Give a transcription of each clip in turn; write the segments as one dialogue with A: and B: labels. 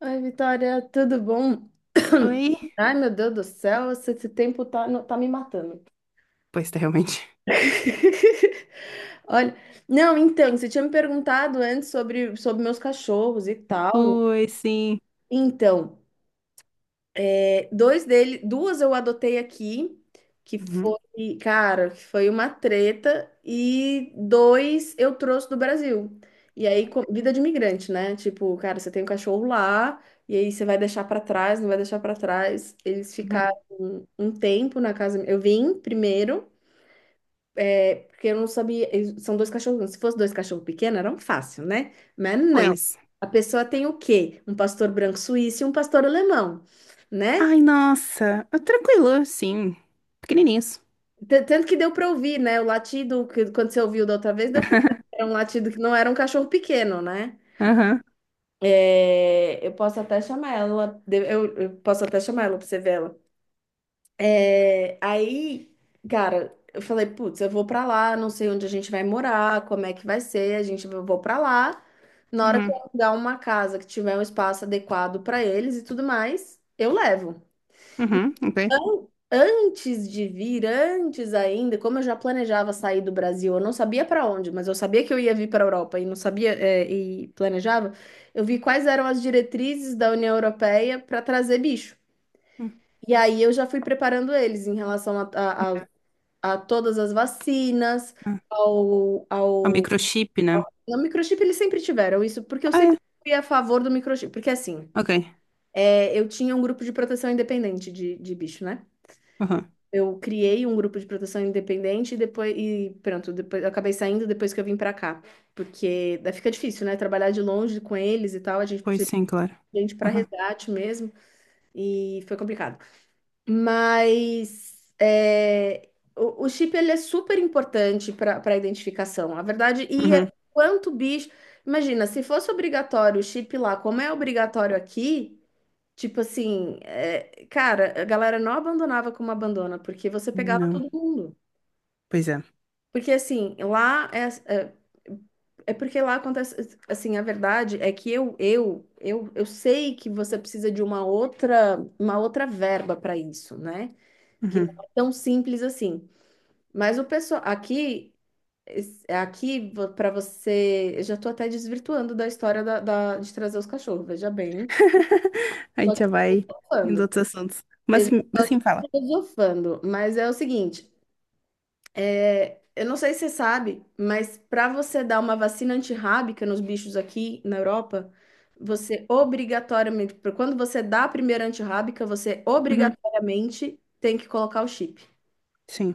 A: Oi, Vitória, tudo bom?
B: Oi?
A: Ai, meu Deus do céu, esse tempo tá, tá me matando.
B: Pois, tá, realmente.
A: Olha, não, então, você tinha me perguntado antes sobre meus cachorros e tal, né?
B: Pois, sim.
A: Então, é, dois dele, duas eu adotei aqui, que
B: Uhum.
A: foi, cara, que foi uma treta, e dois eu trouxe do Brasil. E aí, vida de imigrante, né? Tipo, cara, você tem um cachorro lá, e aí você vai deixar pra trás, não vai deixar pra trás. Eles ficaram
B: Uhum.
A: um tempo na casa. Eu vim primeiro, é, porque eu não sabia. São dois cachorros. Se fosse dois cachorros pequenos, era um fácil, né? Mas não.
B: Pois.
A: A pessoa tem o quê? Um pastor branco suíço e um pastor alemão, né?
B: Ai, nossa. Ah, tranquilo, sim. Pequenininhos.
A: Tanto que deu para ouvir, né? O latido que, quando você ouviu da outra vez, deu para ouvir. Era um latido que não era um cachorro pequeno, né?
B: Aham.
A: É, eu posso até chamar ela, eu posso até chamar ela para você ver ela. É, aí, cara, eu falei, putz, eu vou para lá, não sei onde a gente vai morar, como é que vai ser, a gente eu vou para lá. Na hora que eu
B: Uhum.
A: alugar uma casa que tiver um espaço adequado para eles e tudo mais, eu levo.
B: Uhum. Ok.
A: Antes de vir, antes ainda, como eu já planejava sair do Brasil, eu não sabia para onde, mas eu sabia que eu ia vir para a Europa e não sabia, é, e planejava, eu vi quais eram as diretrizes da União Europeia para trazer bicho.
B: Hum.
A: E aí eu já fui preparando eles em relação a todas as vacinas,
B: Ah,
A: ao,
B: o
A: ao...
B: microchip, né?
A: no microchip eles sempre tiveram isso, porque eu
B: Ah,
A: sempre
B: é.
A: fui a favor do microchip, porque assim,
B: Ok.
A: é, eu tinha um grupo de proteção independente de bicho, né?
B: Aham.
A: Eu criei um grupo de proteção independente e depois e pronto, depois eu acabei saindo depois que eu vim pra cá, porque daí fica difícil, né? Trabalhar de longe com eles e tal, a gente
B: Pois
A: precisa
B: sim, claro.
A: de gente para
B: Aham.
A: resgate mesmo e foi complicado. Mas é, o chip ele é super importante para identificação, a verdade. E é
B: Uhum.
A: quanto bicho, imagina, se fosse obrigatório o chip lá, como é obrigatório aqui? Tipo assim, é, cara, a galera não abandonava como abandona, porque você pegava
B: Não.
A: todo mundo.
B: Pois é.
A: Porque assim, lá é, é, porque lá acontece, assim, a verdade é que eu sei que você precisa de uma outra verba para isso, né? Que não
B: Uhum.
A: é tão simples assim. Mas o pessoal aqui, aqui para você, eu já tô até desvirtuando da história de trazer os cachorros, veja bem.
B: A
A: Tô
B: gente
A: aqui
B: já vai indo
A: filosofando.
B: outros assuntos.
A: Eu já tô
B: Mas
A: aqui
B: sim, fala.
A: filosofando, mas é o seguinte, é, eu não sei se você sabe, mas para você dar uma vacina antirrábica nos bichos aqui na Europa, você obrigatoriamente, quando você dá a primeira antirrábica, você
B: Uhum.
A: obrigatoriamente tem que colocar o chip.
B: Sim.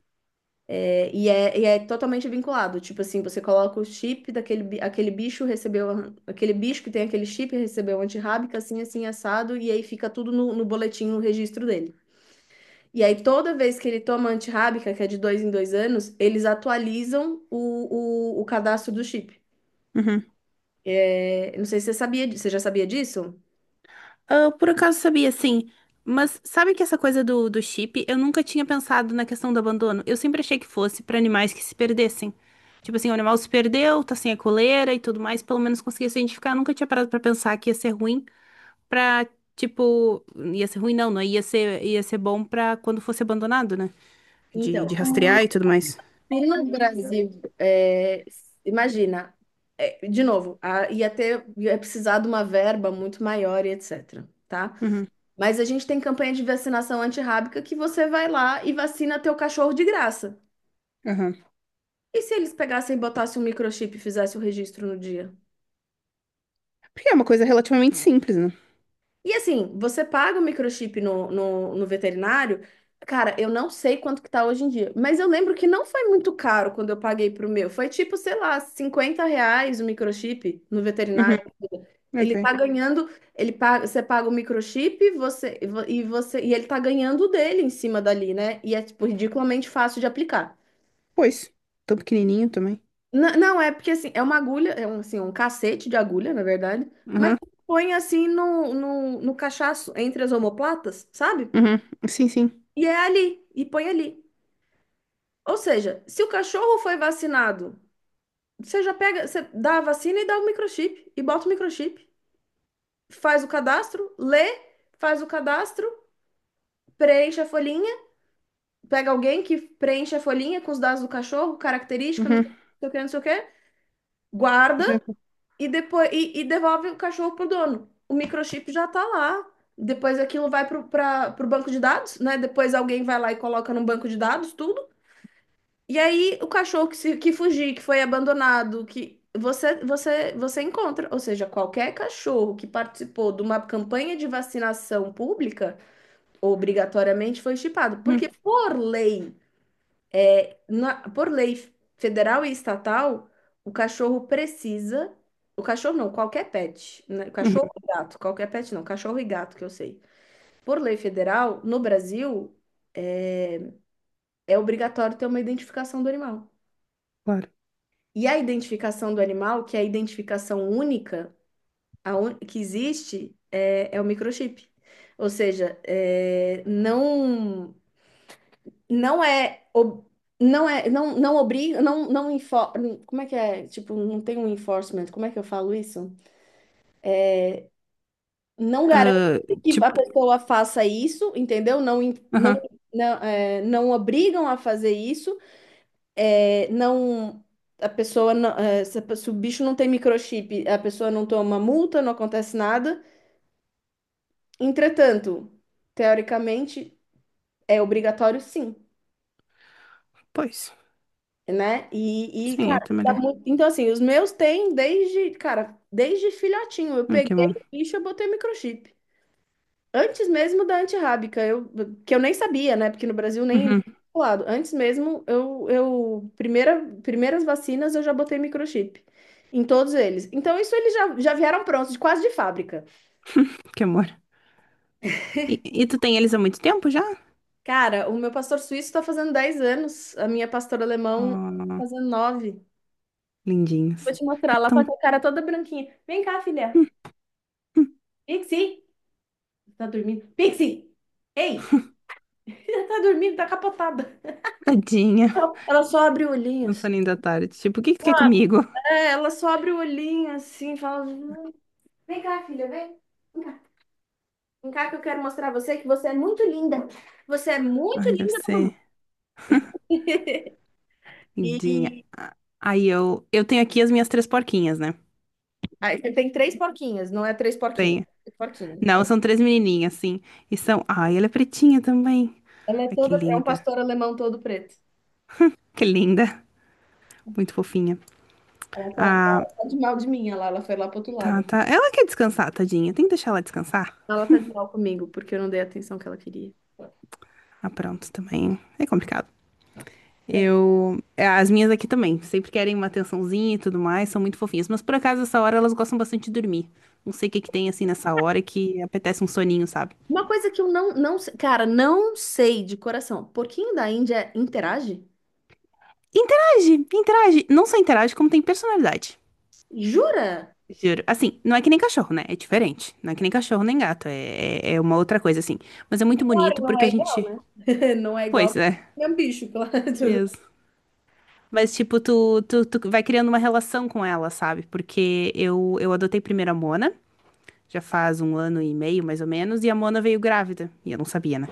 A: É totalmente vinculado. Tipo assim, você coloca o chip aquele bicho recebeu aquele bicho que tem aquele chip recebeu antirrábica, assim, assim, assado, e aí fica tudo no boletim, no registro dele. E aí, toda vez que ele toma antirrábica, que é de dois em dois anos, eles atualizam o cadastro do chip. É, não sei se você sabia, você já sabia disso?
B: Eu por acaso sabia, sim. Mas sabe que essa coisa do chip, eu nunca tinha pensado na questão do abandono. Eu sempre achei que fosse pra animais que se perdessem. Tipo assim, o animal se perdeu, tá sem a coleira e tudo mais, pelo menos conseguia se identificar. Eu nunca tinha parado pra pensar que ia ser ruim pra, tipo, ia ser ruim, não, não, ia ser bom pra quando fosse abandonado, né? De,
A: Então,
B: de rastrear e tudo mais.
A: se no Brasil, é, imagina, é, de novo, ia ter, ia precisar de uma verba muito maior e etc. Tá?
B: Uhum,
A: Mas a gente tem campanha de vacinação antirrábica que você vai lá e vacina teu cachorro de graça.
B: aham.
A: E se eles pegassem e botassem um microchip e fizessem o registro no dia?
B: Porque é uma coisa relativamente simples, né?
A: E assim, você paga o microchip no veterinário, cara, eu não sei quanto que tá hoje em dia, mas eu lembro que não foi muito caro quando eu paguei pro meu. Foi tipo, sei lá, R$ 50 o microchip no
B: Uhum,
A: veterinário. Ele
B: ok.
A: tá ganhando, ele paga, você paga o microchip, você e ele tá ganhando o dele em cima dali, né? E é tipo ridiculamente fácil de aplicar.
B: Pois, tão pequenininho também.
A: Não, é porque assim, é uma agulha, é um, assim, um cacete de agulha, na verdade, mas
B: Uhum,
A: põe assim no cachaço, entre as omoplatas, sabe?
B: uhum, sim, sim.
A: E é ali, e põe ali. Ou seja, se o cachorro foi vacinado, você já pega, você dá a vacina e dá o microchip, e bota o microchip, faz o cadastro, lê, faz o cadastro, preenche a folhinha, pega alguém que preenche a folhinha com os dados do cachorro, característica, não sei
B: Uhum.
A: o que, não sei o que, não sei o que,
B: Já.
A: guarda. E depois e devolve o cachorro pro dono. O microchip já tá lá. Depois aquilo vai pro, pro banco de dados, né? Depois alguém vai lá e coloca no banco de dados tudo. E aí o cachorro que, se, que fugir, que foi abandonado, que você encontra. Ou seja, qualquer cachorro que participou de uma campanha de vacinação pública, obrigatoriamente foi chipado.
B: Uhum,
A: Porque por lei, por lei federal e estatal, o cachorro precisa. O cachorro não, qualquer pet. Né? Cachorro
B: uhum,
A: e gato, qualquer pet não, cachorro e gato que eu sei. Por lei federal, no Brasil, é obrigatório ter uma identificação do animal.
B: claro.
A: E a identificação do animal, que é a identificação única que existe, é, é o microchip. Ou seja, é, não. Não é não é não não obriga não não como é que é, tipo, não tem um enforcement, como é que eu falo isso, não garante
B: Ah,
A: que a
B: tipo,
A: pessoa faça isso, entendeu? Não não
B: aham.
A: não, é, não obrigam a fazer isso. É, não, a pessoa não, é, se, se o bicho não tem microchip, a pessoa não toma multa, não acontece nada. Entretanto, teoricamente, é obrigatório, sim.
B: Pois,
A: Né? E
B: sim, é
A: cara,
B: até
A: dá
B: melhor.
A: muito... Então assim, os meus têm desde, cara, desde filhotinho. Eu
B: Ai, que
A: peguei
B: bom.
A: o bicho, eu botei microchip. Antes mesmo da antirrábica, eu que eu nem sabia, né? Porque no Brasil nem nem
B: Uhum,
A: lado. Antes mesmo, eu primeiras vacinas eu já botei microchip em todos eles. Então isso eles já vieram prontos, de quase de fábrica.
B: que amor. E, e tu tem eles há muito tempo já?
A: Cara, o meu pastor suíço tá fazendo 10 anos, a minha pastora alemão tá
B: Oh,
A: fazendo nove. Vou
B: lindinhos.
A: te mostrar,
B: Já
A: lá tá
B: estão.
A: com a cara toda branquinha. Vem cá, filha. Vixi. Tá dormindo. Pixie! Ei! Ela tá dormindo, tá capotada.
B: Tadinha.
A: Ela só abre o olhinho,
B: É um
A: assim.
B: soninho da tarde. Tipo, o que que tu quer comigo?
A: É, ela só abre o olhinho assim, e fala: vem cá, filha, vem. Vem cá, vem cá que eu quero mostrar a você que você é muito linda. Você é muito
B: Ai, deve
A: linda pra mamãe.
B: ser lindinha.
A: E
B: Ah, aí eu tenho aqui as minhas três porquinhas, né?
A: aí você tem três porquinhas, não é três porquinhos.
B: Tenho.
A: Três porquinho.
B: Não, são três menininhas, sim. E são. Ai, ela é pretinha também.
A: Ela é
B: Ai, que
A: toda, é um
B: linda.
A: pastor alemão todo preto.
B: Que linda. Muito fofinha.
A: Ela tá, tá
B: Ah,
A: tá de mal de mim, ela foi lá pro outro
B: tá,
A: lado.
B: tá. Ela quer descansar, tadinha. Tem que deixar ela descansar.
A: Ela tá de mal comigo, porque eu não dei a atenção que ela queria.
B: Ah, pronto, também. É complicado.
A: É.
B: Eu. É, as minhas aqui também. Sempre querem uma atençãozinha e tudo mais. São muito fofinhas. Mas por acaso, essa hora elas gostam bastante de dormir. Não sei o que que tem assim nessa hora que apetece um soninho, sabe?
A: Uma coisa que eu cara, não sei de coração. Porquinho da Índia interage?
B: Interage, interage. Não só interage, como tem personalidade.
A: Jura?
B: Juro. Assim, não é que nem cachorro, né? É diferente. Não é que nem cachorro nem gato. É uma outra coisa, assim. Mas é muito
A: Claro,
B: bonito
A: não
B: porque
A: é
B: a
A: igual,
B: gente.
A: né? Não é igual,
B: Pois é.
A: é um bicho, claro.
B: Mas, tipo, tu vai criando uma relação com ela, sabe? Porque eu adotei primeiro a Mona, já faz um ano e meio, mais ou menos, e a Mona veio grávida. E eu não sabia, né?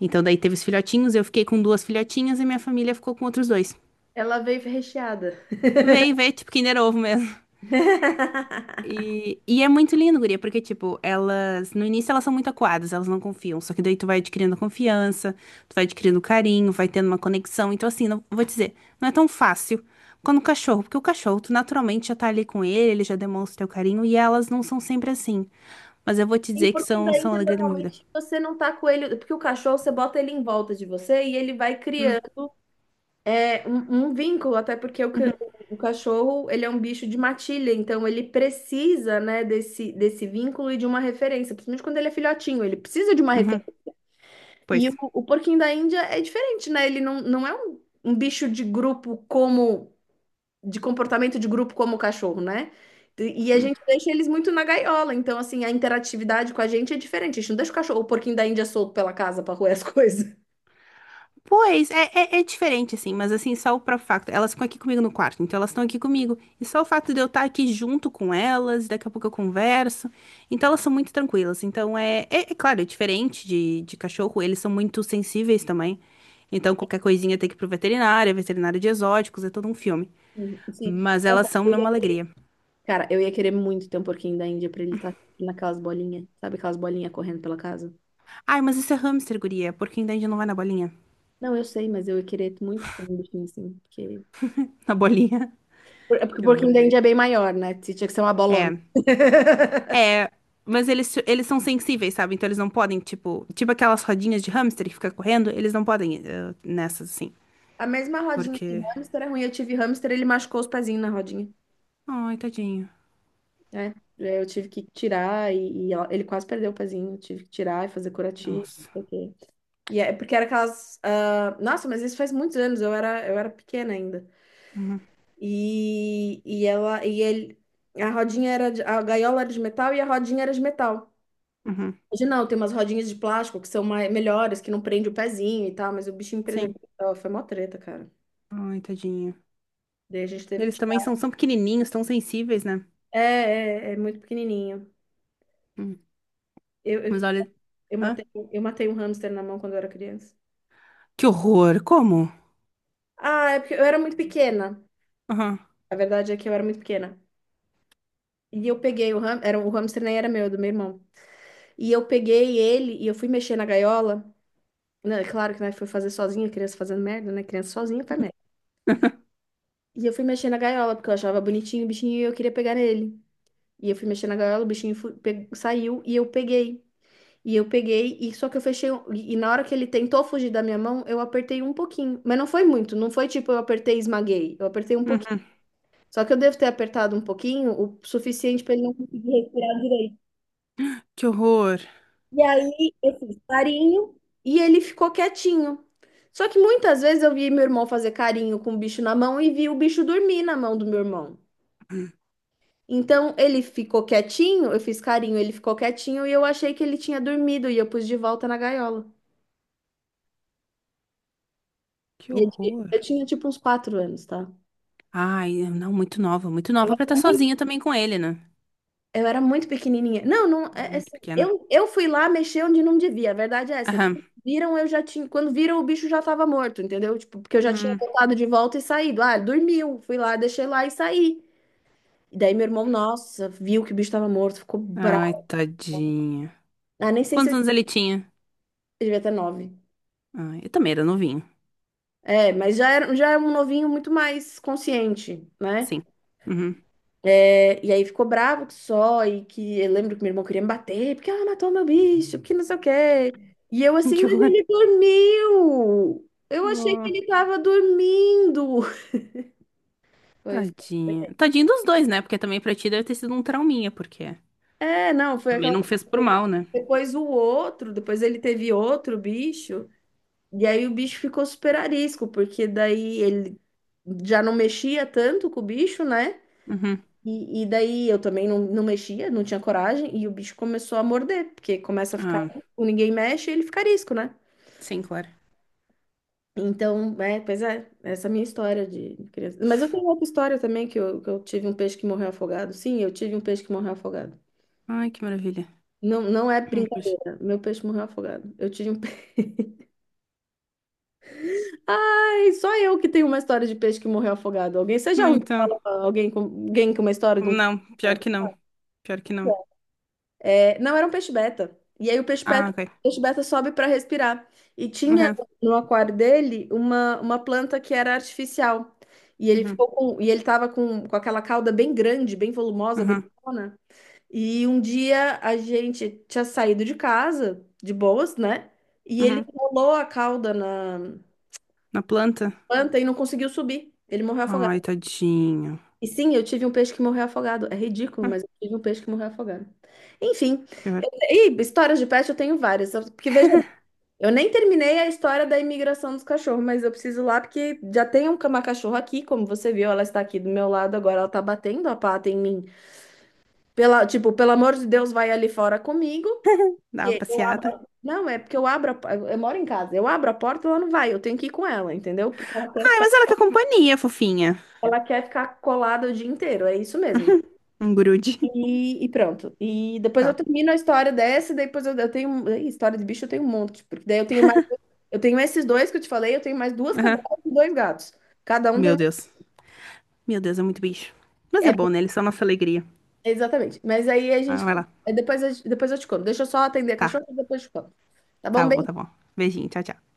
B: Então, daí teve os filhotinhos, eu fiquei com duas filhotinhas e minha família ficou com outros dois.
A: Ela veio recheada.
B: Veio, veio, tipo, Kinder Ovo mesmo. E é muito lindo, guria, porque, tipo, elas, no início elas são muito acuadas, elas não confiam. Só que daí tu vai adquirindo confiança, tu vai adquirindo carinho, vai tendo uma conexão. Então, assim, não, vou te dizer, não é tão fácil quando o cachorro, porque o cachorro, tu naturalmente já tá ali com ele, ele já demonstra o teu carinho, e elas não são sempre assim. Mas eu vou te
A: E
B: dizer que
A: porquinho
B: são,
A: da
B: são a
A: Índia
B: alegria da minha vida.
A: normalmente. Você não tá com ele, porque o cachorro você bota ele em volta de você e ele vai criando, é, um vínculo, até porque o, o cachorro ele é um bicho de matilha, então ele precisa, né, desse vínculo e de uma referência, principalmente quando ele é filhotinho, ele precisa de uma.
B: Uhum, pois.
A: E o porquinho da Índia é diferente, né? Ele não, não é um bicho de grupo, como, de comportamento de grupo como o cachorro, né? E a
B: Hum.
A: gente deixa eles muito na gaiola, então assim, a interatividade com a gente é diferente. A gente não deixa o cachorro, o porquinho da Índia solto pela casa pra roer as coisas.
B: Pois, é diferente, assim, mas assim, só o próprio facto. Elas ficam aqui comigo no quarto, então elas estão aqui comigo. E só o fato de eu estar aqui junto com elas, daqui a pouco eu converso. Então elas são muito tranquilas. Então é claro, é diferente de cachorro, eles são muito sensíveis também. Então qualquer coisinha tem que ir pro veterinário, é veterinário de exóticos, é todo um filme.
A: Sim, sim.
B: Mas elas
A: Nossa,
B: são mesmo alegria.
A: cara, eu ia querer muito ter um porquinho da Índia pra ele estar naquelas bolinhas, sabe aquelas bolinhas correndo pela casa?
B: Ai, mas isso é hamster, guria, porque ainda a gente não vai na bolinha.
A: Não, eu sei, mas eu ia querer muito ter um bichinho assim, porque...
B: Na bolinha.
A: É porque o
B: Que
A: porquinho
B: amor.
A: da Índia é bem maior, né? Tinha que ser uma bolona.
B: É, mas eles são sensíveis, sabe? Então eles não podem, tipo, tipo aquelas rodinhas de hamster que fica correndo, eles não podem nessas assim,
A: A mesma rodinha de
B: porque.
A: hamster é ruim. Eu tive hamster, ele machucou os pezinhos na rodinha,
B: Ai, tadinho.
A: né? É, eu tive que tirar e, ele quase perdeu o pezinho. Eu tive que tirar e fazer curativo, não
B: Nossa.
A: sei o quê. E é porque era aquelas. Ah, nossa, mas isso faz muitos anos, eu era pequena ainda.
B: Uhum,
A: E ela e ele. A rodinha era de, a gaiola era de metal e a rodinha era de metal.
B: uhum.
A: Hoje não, tem umas rodinhas de plástico que são melhores, que não prende o pezinho e tal, mas o bichinho perdeu.
B: Sim.
A: Foi mó treta, cara.
B: Ai, tadinho.
A: Daí a gente teve
B: Eles
A: que
B: também
A: tirar.
B: são, são pequenininhos, tão sensíveis, né?
A: É, é muito pequenininho.
B: Hum.
A: Eu,
B: Mas
A: eu,
B: olha.
A: eu
B: Hã?
A: matei, eu matei um hamster na mão quando eu era criança.
B: Que horror. Como?
A: Ah, é porque eu era muito pequena.
B: Aham.
A: A verdade é que eu era muito pequena. E eu peguei o hamster, era, o hamster nem era meu, era do meu irmão. E eu peguei ele e eu fui mexer na gaiola. Não, é claro que não foi fazer sozinha, criança fazendo merda, né? Criança sozinha faz merda. E eu fui mexer na gaiola porque eu achava bonitinho o bichinho e eu queria pegar nele. E eu fui mexer na gaiola, o saiu e eu peguei. E eu peguei, e só que eu fechei. E na hora que ele tentou fugir da minha mão, eu apertei um pouquinho. Mas não foi muito, não foi tipo eu apertei e esmaguei. Eu apertei um pouquinho.
B: Uhum.
A: Só que eu devo ter apertado um pouquinho, o suficiente para ele não conseguir respirar direito.
B: Que horror.
A: E aí eu fiz carinho e ele ficou quietinho. Só que muitas vezes eu vi meu irmão fazer carinho com o bicho na mão e vi o bicho dormir na mão do meu irmão.
B: Hum.
A: Então ele ficou quietinho, eu fiz carinho, ele ficou quietinho e eu achei que ele tinha dormido e eu pus de volta na gaiola.
B: Que
A: E
B: horror.
A: eu tinha tipo uns 4 anos, tá?
B: Ai, não, muito nova pra estar sozinha também com ele, né?
A: Eu era muito pequenininha. Não, não,
B: Não,
A: é
B: muito
A: assim,
B: pequena.
A: eu fui lá mexer onde não devia, a verdade é essa. Quando viram, eu já tinha, quando viram, o bicho já tava morto, entendeu? Tipo, porque eu já tinha
B: Aham.
A: voltado de volta e saído. Ah, dormiu, fui lá, deixei lá e saí. E daí meu irmão, nossa, viu que o bicho tava morto, ficou
B: Ai,
A: bravo.
B: tadinha.
A: Ah, nem sei se
B: Quantos
A: eu
B: anos ele tinha?
A: devia ter 9.
B: Ai, eu também era novinho.
A: É, mas já era um novinho muito mais consciente, né?
B: Sim. Uhum.
A: É, e aí ficou bravo que só, e que eu lembro que meu irmão queria me bater, porque ela matou meu bicho, porque não sei o quê. E eu assim,
B: Que
A: mas
B: horror.
A: ele dormiu! Eu achei que
B: Ah,
A: ele tava dormindo! Foi,
B: tadinha. Tadinho dos dois, né? Porque também pra ti deve ter sido um trauminha, porque
A: é, não, foi
B: também
A: aquela
B: não fez por
A: coisa.
B: mal, né?
A: Depois o outro, depois ele teve outro bicho, e aí o bicho ficou super arisco, porque daí ele já não mexia tanto com o bicho, né?
B: Uhum.
A: E daí eu também não mexia, não tinha coragem, e o bicho começou a morder, porque começa a ficar
B: Ah,
A: arisco, ninguém mexe, ele fica arisco, né?
B: sim, claro.
A: Então, é, pois é, essa é a minha história de criança. Mas eu tenho outra história também, que eu tive um peixe que morreu afogado. Sim, eu tive um peixe que morreu afogado.
B: Ai, que maravilha.
A: Não, não é
B: Pois.
A: brincadeira, meu peixe morreu afogado. Eu tive um peixe. Ai, só eu que tenho uma história de peixe que morreu afogado. Alguém, você já
B: Não,
A: ouviu
B: então.
A: falar alguém com uma história de um peixe?
B: Não, pior que não. Pior que não.
A: É, não, era um peixe beta. E aí
B: Ah, ok.
A: o peixe beta sobe para respirar. E tinha
B: Uhum.
A: no aquário dele uma planta que era artificial. E ele
B: Uhum.
A: ficou com, e ele tava com aquela cauda bem grande, bem volumosa,
B: Uhum.
A: bonitona. E um dia a gente tinha saído de casa, de boas, né? E ele
B: Uhum.
A: enrolou a cauda na
B: Na planta?
A: planta e não conseguiu subir. Ele morreu afogado.
B: Ai, tadinho.
A: E sim, eu tive um peixe que morreu afogado. É ridículo,
B: Hum,
A: mas eu tive um peixe que morreu afogado. Enfim,
B: Que horror.
A: e histórias de pet eu tenho várias. Porque veja, eu nem terminei a história da imigração dos cachorros, mas eu preciso ir lá porque já tem uma cachorra aqui, como você viu, ela está aqui do meu lado agora, ela está batendo a pata em mim. Pela, tipo, pelo amor de Deus, vai ali fora comigo.
B: Dá uma
A: E eu
B: passeada.
A: abro... Não, é porque eu abro eu moro em casa. Eu abro a porta, ela não vai. Eu tenho que ir com ela, entendeu? Porque
B: Ai, mas ela quer companhia, fofinha.
A: ela quer ficar colada o dia inteiro. É isso mesmo.
B: Um grude.
A: E pronto. E depois eu
B: Tá.
A: termino a história dessa, daí eu tenho. Ih, história de bicho eu tenho um monte. Porque daí eu tenho mais. Eu tenho esses 2 que eu te falei, eu tenho mais 2 cadelas
B: Aham.
A: e 2 gatos. Cada um tem
B: Meu
A: um.
B: Deus. Meu Deus, é muito bicho. Mas é
A: É,
B: bom, né? Eles são a nossa alegria.
A: exatamente. Mas aí a gente.
B: Ah, vai lá.
A: É, Depois, depois eu te conto. Deixa eu só atender a cachorra
B: Tá.
A: e depois eu te conto. Tá bom?
B: Tá bom, tá
A: Beijo.
B: bom. Beijinho, tchau, tchau.